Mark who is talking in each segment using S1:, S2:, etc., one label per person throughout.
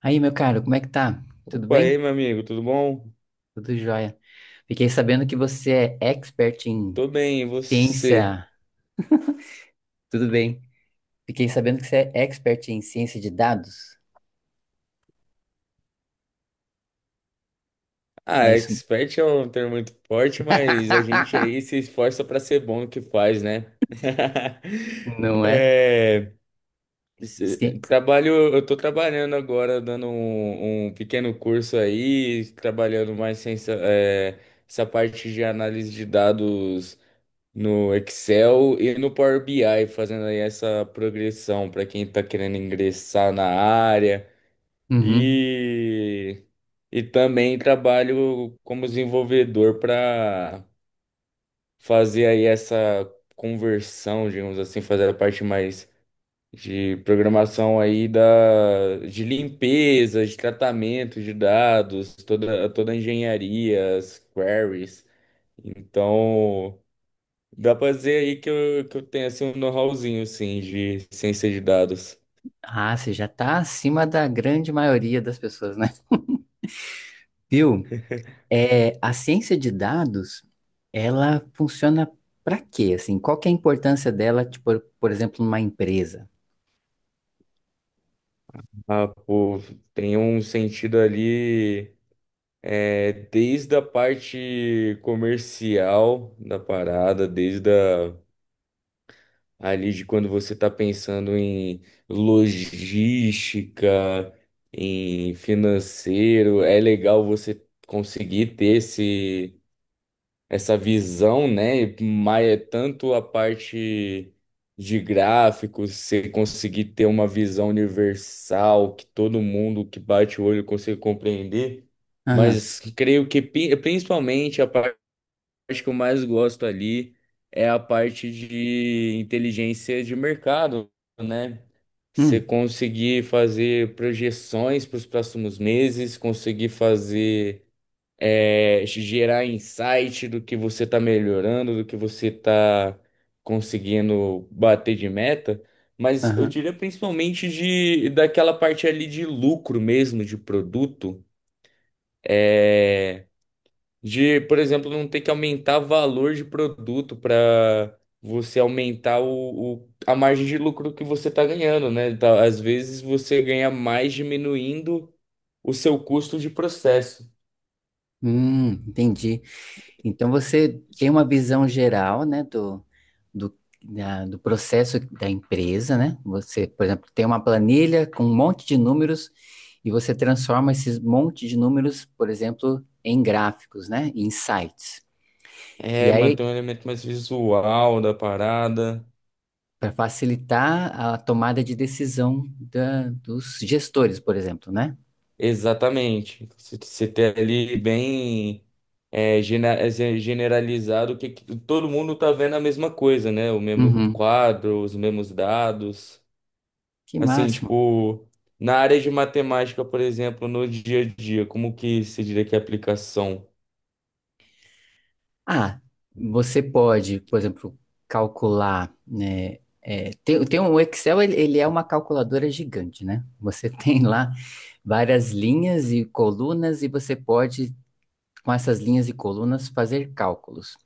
S1: Aí, meu caro, como é que tá? Tudo
S2: Opa, e
S1: bem?
S2: aí, meu amigo, tudo bom?
S1: Tudo jóia. Fiquei sabendo que você é expert em
S2: Tô bem, e você?
S1: ciência. Tudo bem. Fiquei sabendo que você é expert em ciência de dados.
S2: Ah,
S1: É isso?
S2: expert é um termo muito forte, mas a gente aí se esforça pra ser bom no que faz, né?
S1: Não é?
S2: É,
S1: Sim.
S2: Trabalho, eu tô trabalhando agora, dando um pequeno curso aí, trabalhando mais sem essa, é, essa parte de análise de dados no Excel e no Power BI, fazendo aí essa progressão pra quem tá querendo ingressar na área.
S1: Uhum.
S2: E, e também trabalho como desenvolvedor para fazer aí essa conversão, digamos assim, fazer a parte mais de programação aí de limpeza, de tratamento de dados, toda a engenharia, as queries. Então, dá para dizer aí que eu tenho assim um know-howzinho assim de ciência de dados.
S1: Ah, você já tá acima da grande maioria das pessoas, né? Viu? A ciência de dados, ela funciona pra quê? Assim, qual que é a importância dela, tipo, por exemplo, numa empresa?
S2: Ah, pô, tem um sentido ali. É, desde a parte comercial da parada, ali de quando você está pensando em logística, em financeiro, é legal você conseguir ter esse essa visão, né? Mas tanto a parte de gráficos, você conseguir ter uma visão universal que todo mundo que bate o olho consegue compreender,
S1: Aham.
S2: mas creio que principalmente a parte que eu mais gosto ali é a parte de inteligência de mercado, né? Você
S1: Hum.
S2: conseguir fazer projeções para os próximos meses, conseguir fazer gerar insight do que você está melhorando, do que você está conseguindo bater de meta, mas eu
S1: Aham.
S2: diria principalmente de daquela parte ali de lucro mesmo, de produto, é, de, por exemplo, não ter que aumentar valor de produto para você aumentar a margem de lucro que você está ganhando, né? Tá, às vezes você ganha mais diminuindo o seu custo de processo.
S1: Entendi. Então você tem uma visão geral, né, do, do processo da empresa, né? Você, por exemplo, tem uma planilha com um monte de números e você transforma esses monte de números, por exemplo, em gráficos, né? Em sites. E
S2: É,
S1: aí,
S2: manter um elemento mais visual da parada.
S1: para facilitar a tomada de decisão da- dos gestores, por exemplo, né?
S2: Exatamente. Você ter ali bem generalizado que todo mundo tá vendo a mesma coisa, né? O mesmo
S1: Uhum.
S2: quadro, os mesmos dados.
S1: Que
S2: Assim,
S1: máximo.
S2: tipo, na área de matemática, por exemplo, no dia a dia, como que se diria que é a aplicação?
S1: Ah, você pode, por exemplo, calcular, né? Tem o Excel, ele é uma calculadora gigante, né? Você tem lá várias linhas e colunas e você pode, com essas linhas e colunas, fazer cálculos.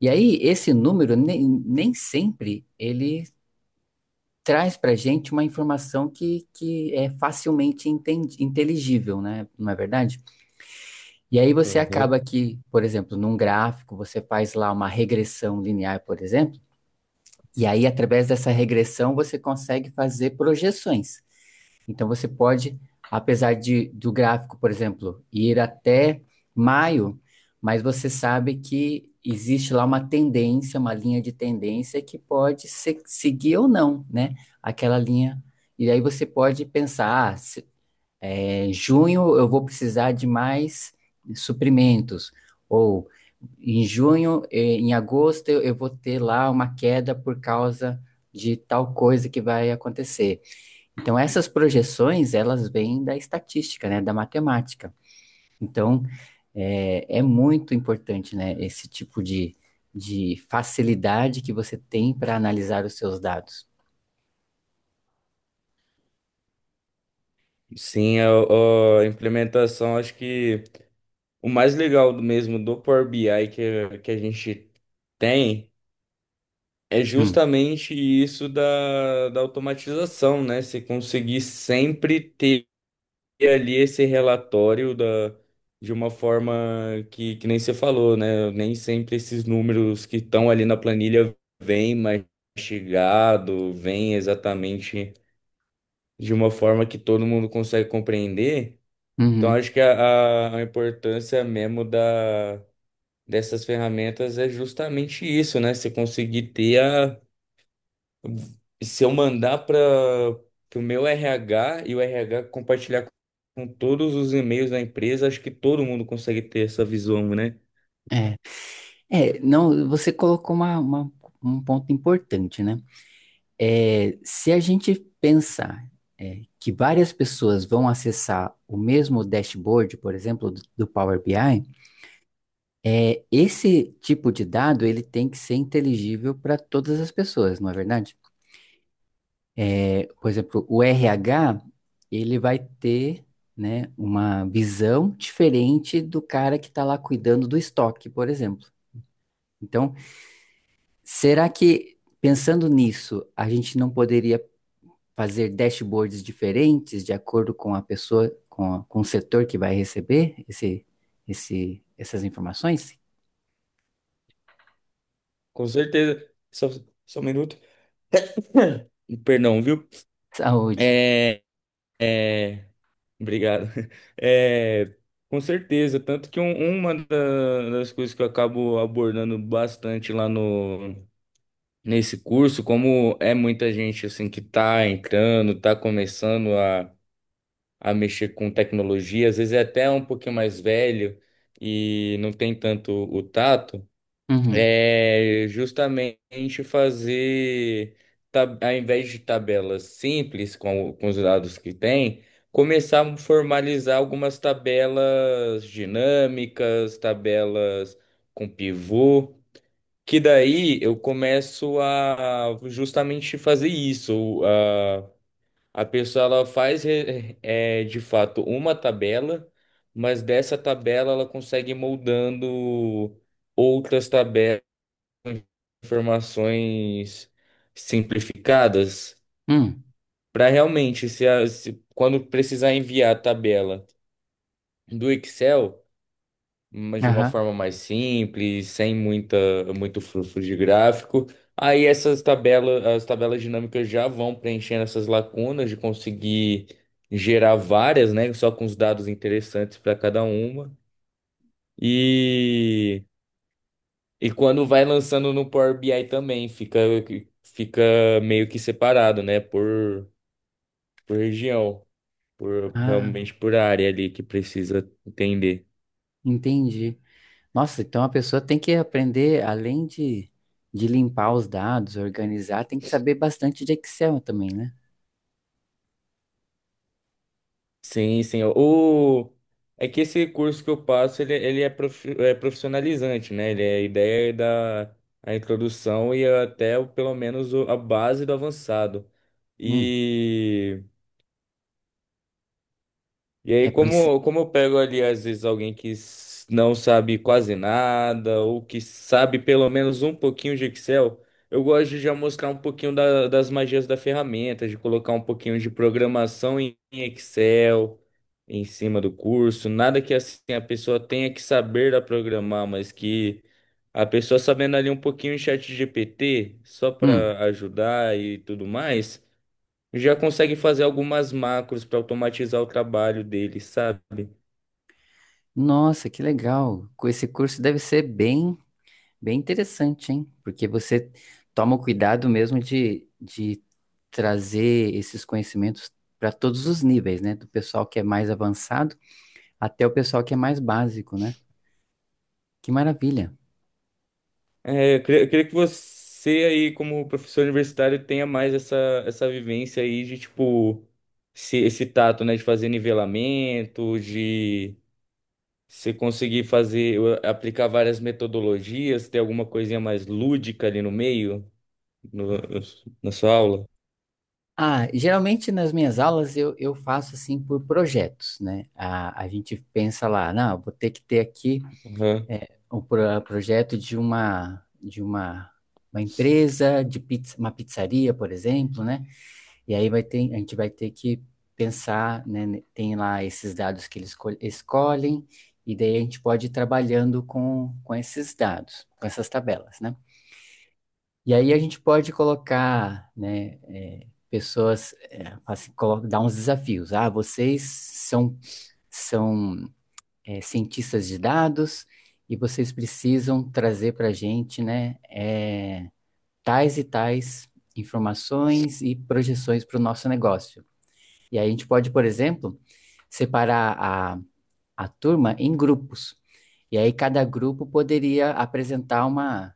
S1: E aí, esse número, nem sempre ele traz para gente uma informação que é facilmente entendi- inteligível, né? Não é verdade? E aí você
S2: Aham.
S1: acaba que, por exemplo, num gráfico, você faz lá uma regressão linear, por exemplo, e aí através dessa regressão você consegue fazer projeções. Então você pode, apesar de do gráfico, por exemplo, ir até maio, mas você sabe que existe lá uma tendência, uma linha de tendência que pode se- seguir ou não, né? Aquela linha. E aí você pode pensar, ah, se- junho eu vou precisar de mais suprimentos, ou em junho, em agosto eu vou ter lá uma queda por causa de tal coisa que vai acontecer. Então essas projeções, elas vêm da estatística, né, da matemática. Então é muito importante, né, esse tipo de facilidade que você tem para analisar os seus dados.
S2: Sim, a implementação, acho que o mais legal do mesmo do Power BI que a gente tem. É
S1: Hum,
S2: justamente isso da automatização, né? Se conseguir sempre ter ali esse relatório de uma forma que nem você falou, né? Nem sempre esses números que estão ali na planilha vêm mastigado, vêm exatamente de uma forma que todo mundo consegue compreender. Então,
S1: uhum,
S2: acho que a importância mesmo dessas ferramentas é justamente isso, né? Você conseguir ter a. Se eu mandar para o meu RH e o RH compartilhar com todos os e-mails da empresa, acho que todo mundo consegue ter essa visão, né?
S1: é. Não, você colocou uma- um ponto importante, né? É, se a gente pensar que várias pessoas vão acessar o mesmo dashboard, por exemplo, do Power BI, é, esse tipo de dado ele tem que ser inteligível para todas as pessoas, não é verdade? É, por exemplo, o RH ele vai ter né, uma visão diferente do cara que está lá cuidando do estoque, por exemplo. Então, será que pensando nisso, a gente não poderia fazer dashboards diferentes de acordo com a pessoa, com, a- com o setor que vai receber essas informações?
S2: Com certeza. Só um minuto. Perdão, viu?
S1: Saúde.
S2: É, é, Obrigado. É, com certeza. Tanto que uma das coisas que eu acabo abordando bastante lá no, nesse curso, como é muita gente assim que tá entrando, tá começando a mexer com tecnologia, às vezes é até um pouquinho mais velho e não tem tanto o tato,
S1: Uhum.
S2: é justamente fazer, ao invés de tabelas simples com, com os dados que tem, começar a formalizar algumas tabelas dinâmicas, tabelas com pivô. Que daí eu começo a justamente fazer isso, a pessoa ela faz de fato uma tabela, mas dessa tabela ela consegue ir moldando outras tabelas, informações simplificadas,
S1: Hum.
S2: para realmente, se, a- se- quando precisar enviar a tabela do Excel, mas de uma
S1: Aham.
S2: forma mais simples, sem muita, muito fluxo de gráfico. Aí essas tabelas, as tabelas dinâmicas já vão preenchendo essas lacunas de conseguir gerar várias, né? Só com os dados interessantes para cada uma. E, e quando vai lançando no Power BI também, fica, fica meio que separado, né? Por região, por
S1: Ah,
S2: realmente por área ali que precisa entender.
S1: entendi. Nossa, então a pessoa tem que aprender, além de limpar os dados, organizar, tem que saber bastante de Excel também, né?
S2: Sim, sim. O... É que esse curso que eu passo, ele é, é profissionalizante, né? Ele é a ideia da a introdução e até pelo menos a base do avançado.
S1: Hum.
S2: E e
S1: É
S2: aí,
S1: por isso.
S2: como eu pego ali, às vezes, alguém que não sabe quase nada, ou que sabe pelo menos um pouquinho de Excel, eu gosto de já mostrar um pouquinho das magias da ferramenta, de colocar um pouquinho de programação em Excel, em cima do curso. Nada que assim a pessoa tenha que saber a programar, mas que a pessoa sabendo ali um pouquinho em chat GPT, só
S1: Hum.
S2: para ajudar e tudo mais já consegue fazer algumas macros para automatizar o trabalho dele, sabe?
S1: Nossa, que legal. Com esse curso deve ser bem bem interessante, hein? Porque você toma o cuidado mesmo de trazer esses conhecimentos para todos os níveis, né? Do pessoal que é mais avançado até o pessoal que é mais básico, né? Que maravilha.
S2: É, eu queria que você aí, como professor universitário, tenha mais essa, essa vivência aí de, tipo, esse tato, né, de fazer nivelamento, de você conseguir fazer, aplicar várias metodologias, ter alguma coisinha mais lúdica ali no meio, no- na sua aula.
S1: Ah, geralmente nas minhas aulas eu faço assim por projetos, né? A gente pensa lá, não, vou ter que ter aqui
S2: Uhum.
S1: um pro- projeto de uma empresa, de pizza, uma pizzaria, por exemplo, né? E aí vai ter, a gente vai ter que pensar, né? Tem lá esses dados que eles escolhem, e daí a gente pode ir trabalhando com esses dados, com essas tabelas, né? E aí a gente pode colocar, né, pessoas, assim, colo- dar uns desafios. Ah, vocês são cientistas de dados e vocês precisam trazer para a gente, né, tais e tais informações e projeções para o nosso negócio. E aí a gente pode, por exemplo, separar a turma em grupos. E aí cada grupo poderia apresentar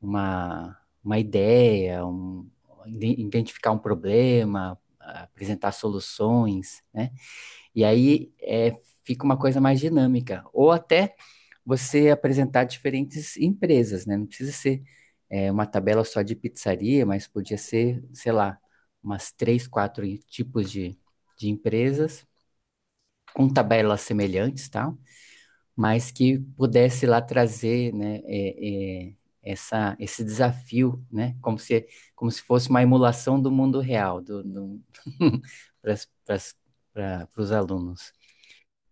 S1: uma, uma ideia, um, identificar um problema, apresentar soluções, né? E aí fica uma coisa mais dinâmica. Ou até você apresentar diferentes empresas, né? Não precisa ser uma tabela só de pizzaria, mas podia ser, sei lá, umas três, quatro tipos de empresas com tabelas semelhantes, tal, mas que pudesse lá trazer, né, essa, esse desafio, né, como se fosse uma emulação do mundo real, do para os alunos.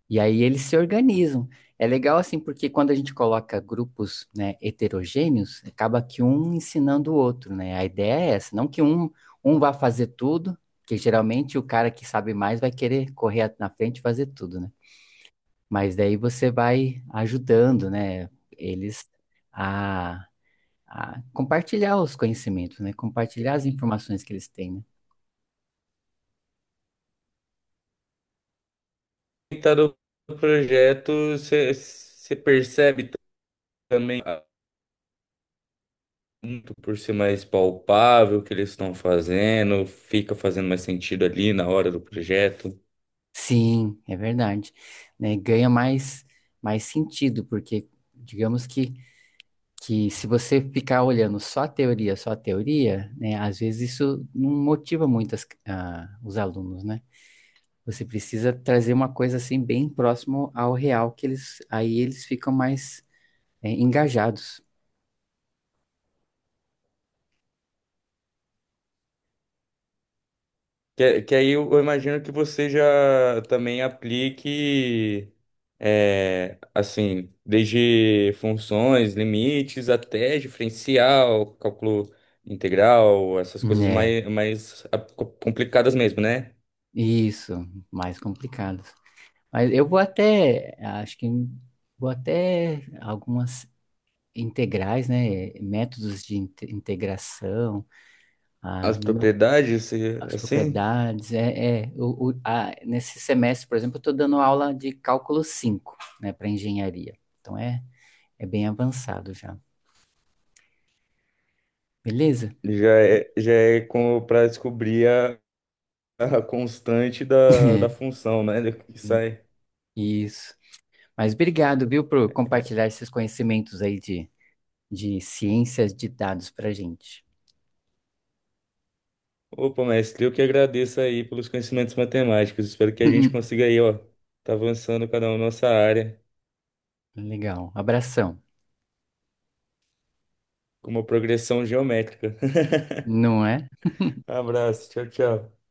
S1: E aí eles se organizam. É legal assim, porque quando a gente coloca grupos, né, heterogêneos, acaba que um ensinando o outro, né? A ideia é essa, não que um vá fazer tudo, que geralmente o cara que sabe mais vai querer correr na frente e fazer tudo, né? Mas daí você vai ajudando, né, eles a, a compartilhar os conhecimentos, né, compartilhar as informações que eles têm, né?
S2: Tá do projeto, você percebe também, muito por ser mais palpável o que eles estão fazendo, fica fazendo mais sentido ali na hora do projeto.
S1: Sim, é verdade, né? Ganha mais mais sentido, porque digamos que se você ficar olhando só a teoria, né, às vezes isso não motiva muito as- ah, os alunos, né? Você precisa trazer uma coisa assim bem próximo ao real que eles aí eles ficam mais engajados.
S2: Que aí eu imagino que você já também aplique, é, assim, desde funções, limites, até diferencial, cálculo integral, essas coisas
S1: Né.
S2: mais, mais ah, complicadas mesmo, né?
S1: Isso, mais complicados. Mas eu vou até, acho que vou até algumas integrais, né? Métodos de inte- integração, ah,
S2: As
S1: no meu,
S2: propriedades,
S1: as
S2: assim,
S1: propriedades. Nesse semestre, por exemplo, eu estou dando aula de cálculo 5, né, para engenharia. Então é bem avançado já. Beleza?
S2: já é para descobrir a constante da função, né? do Que sai.
S1: Isso. Mas obrigado, viu, por compartilhar esses conhecimentos aí de ciências de dados para gente.
S2: Opa, mestre, eu que agradeço aí pelos conhecimentos matemáticos. Espero que a gente consiga aí, ó, tá avançando cada um na nossa área
S1: Legal. Abração.
S2: com uma progressão geométrica.
S1: Não é?
S2: Abraço, tchau, tchau.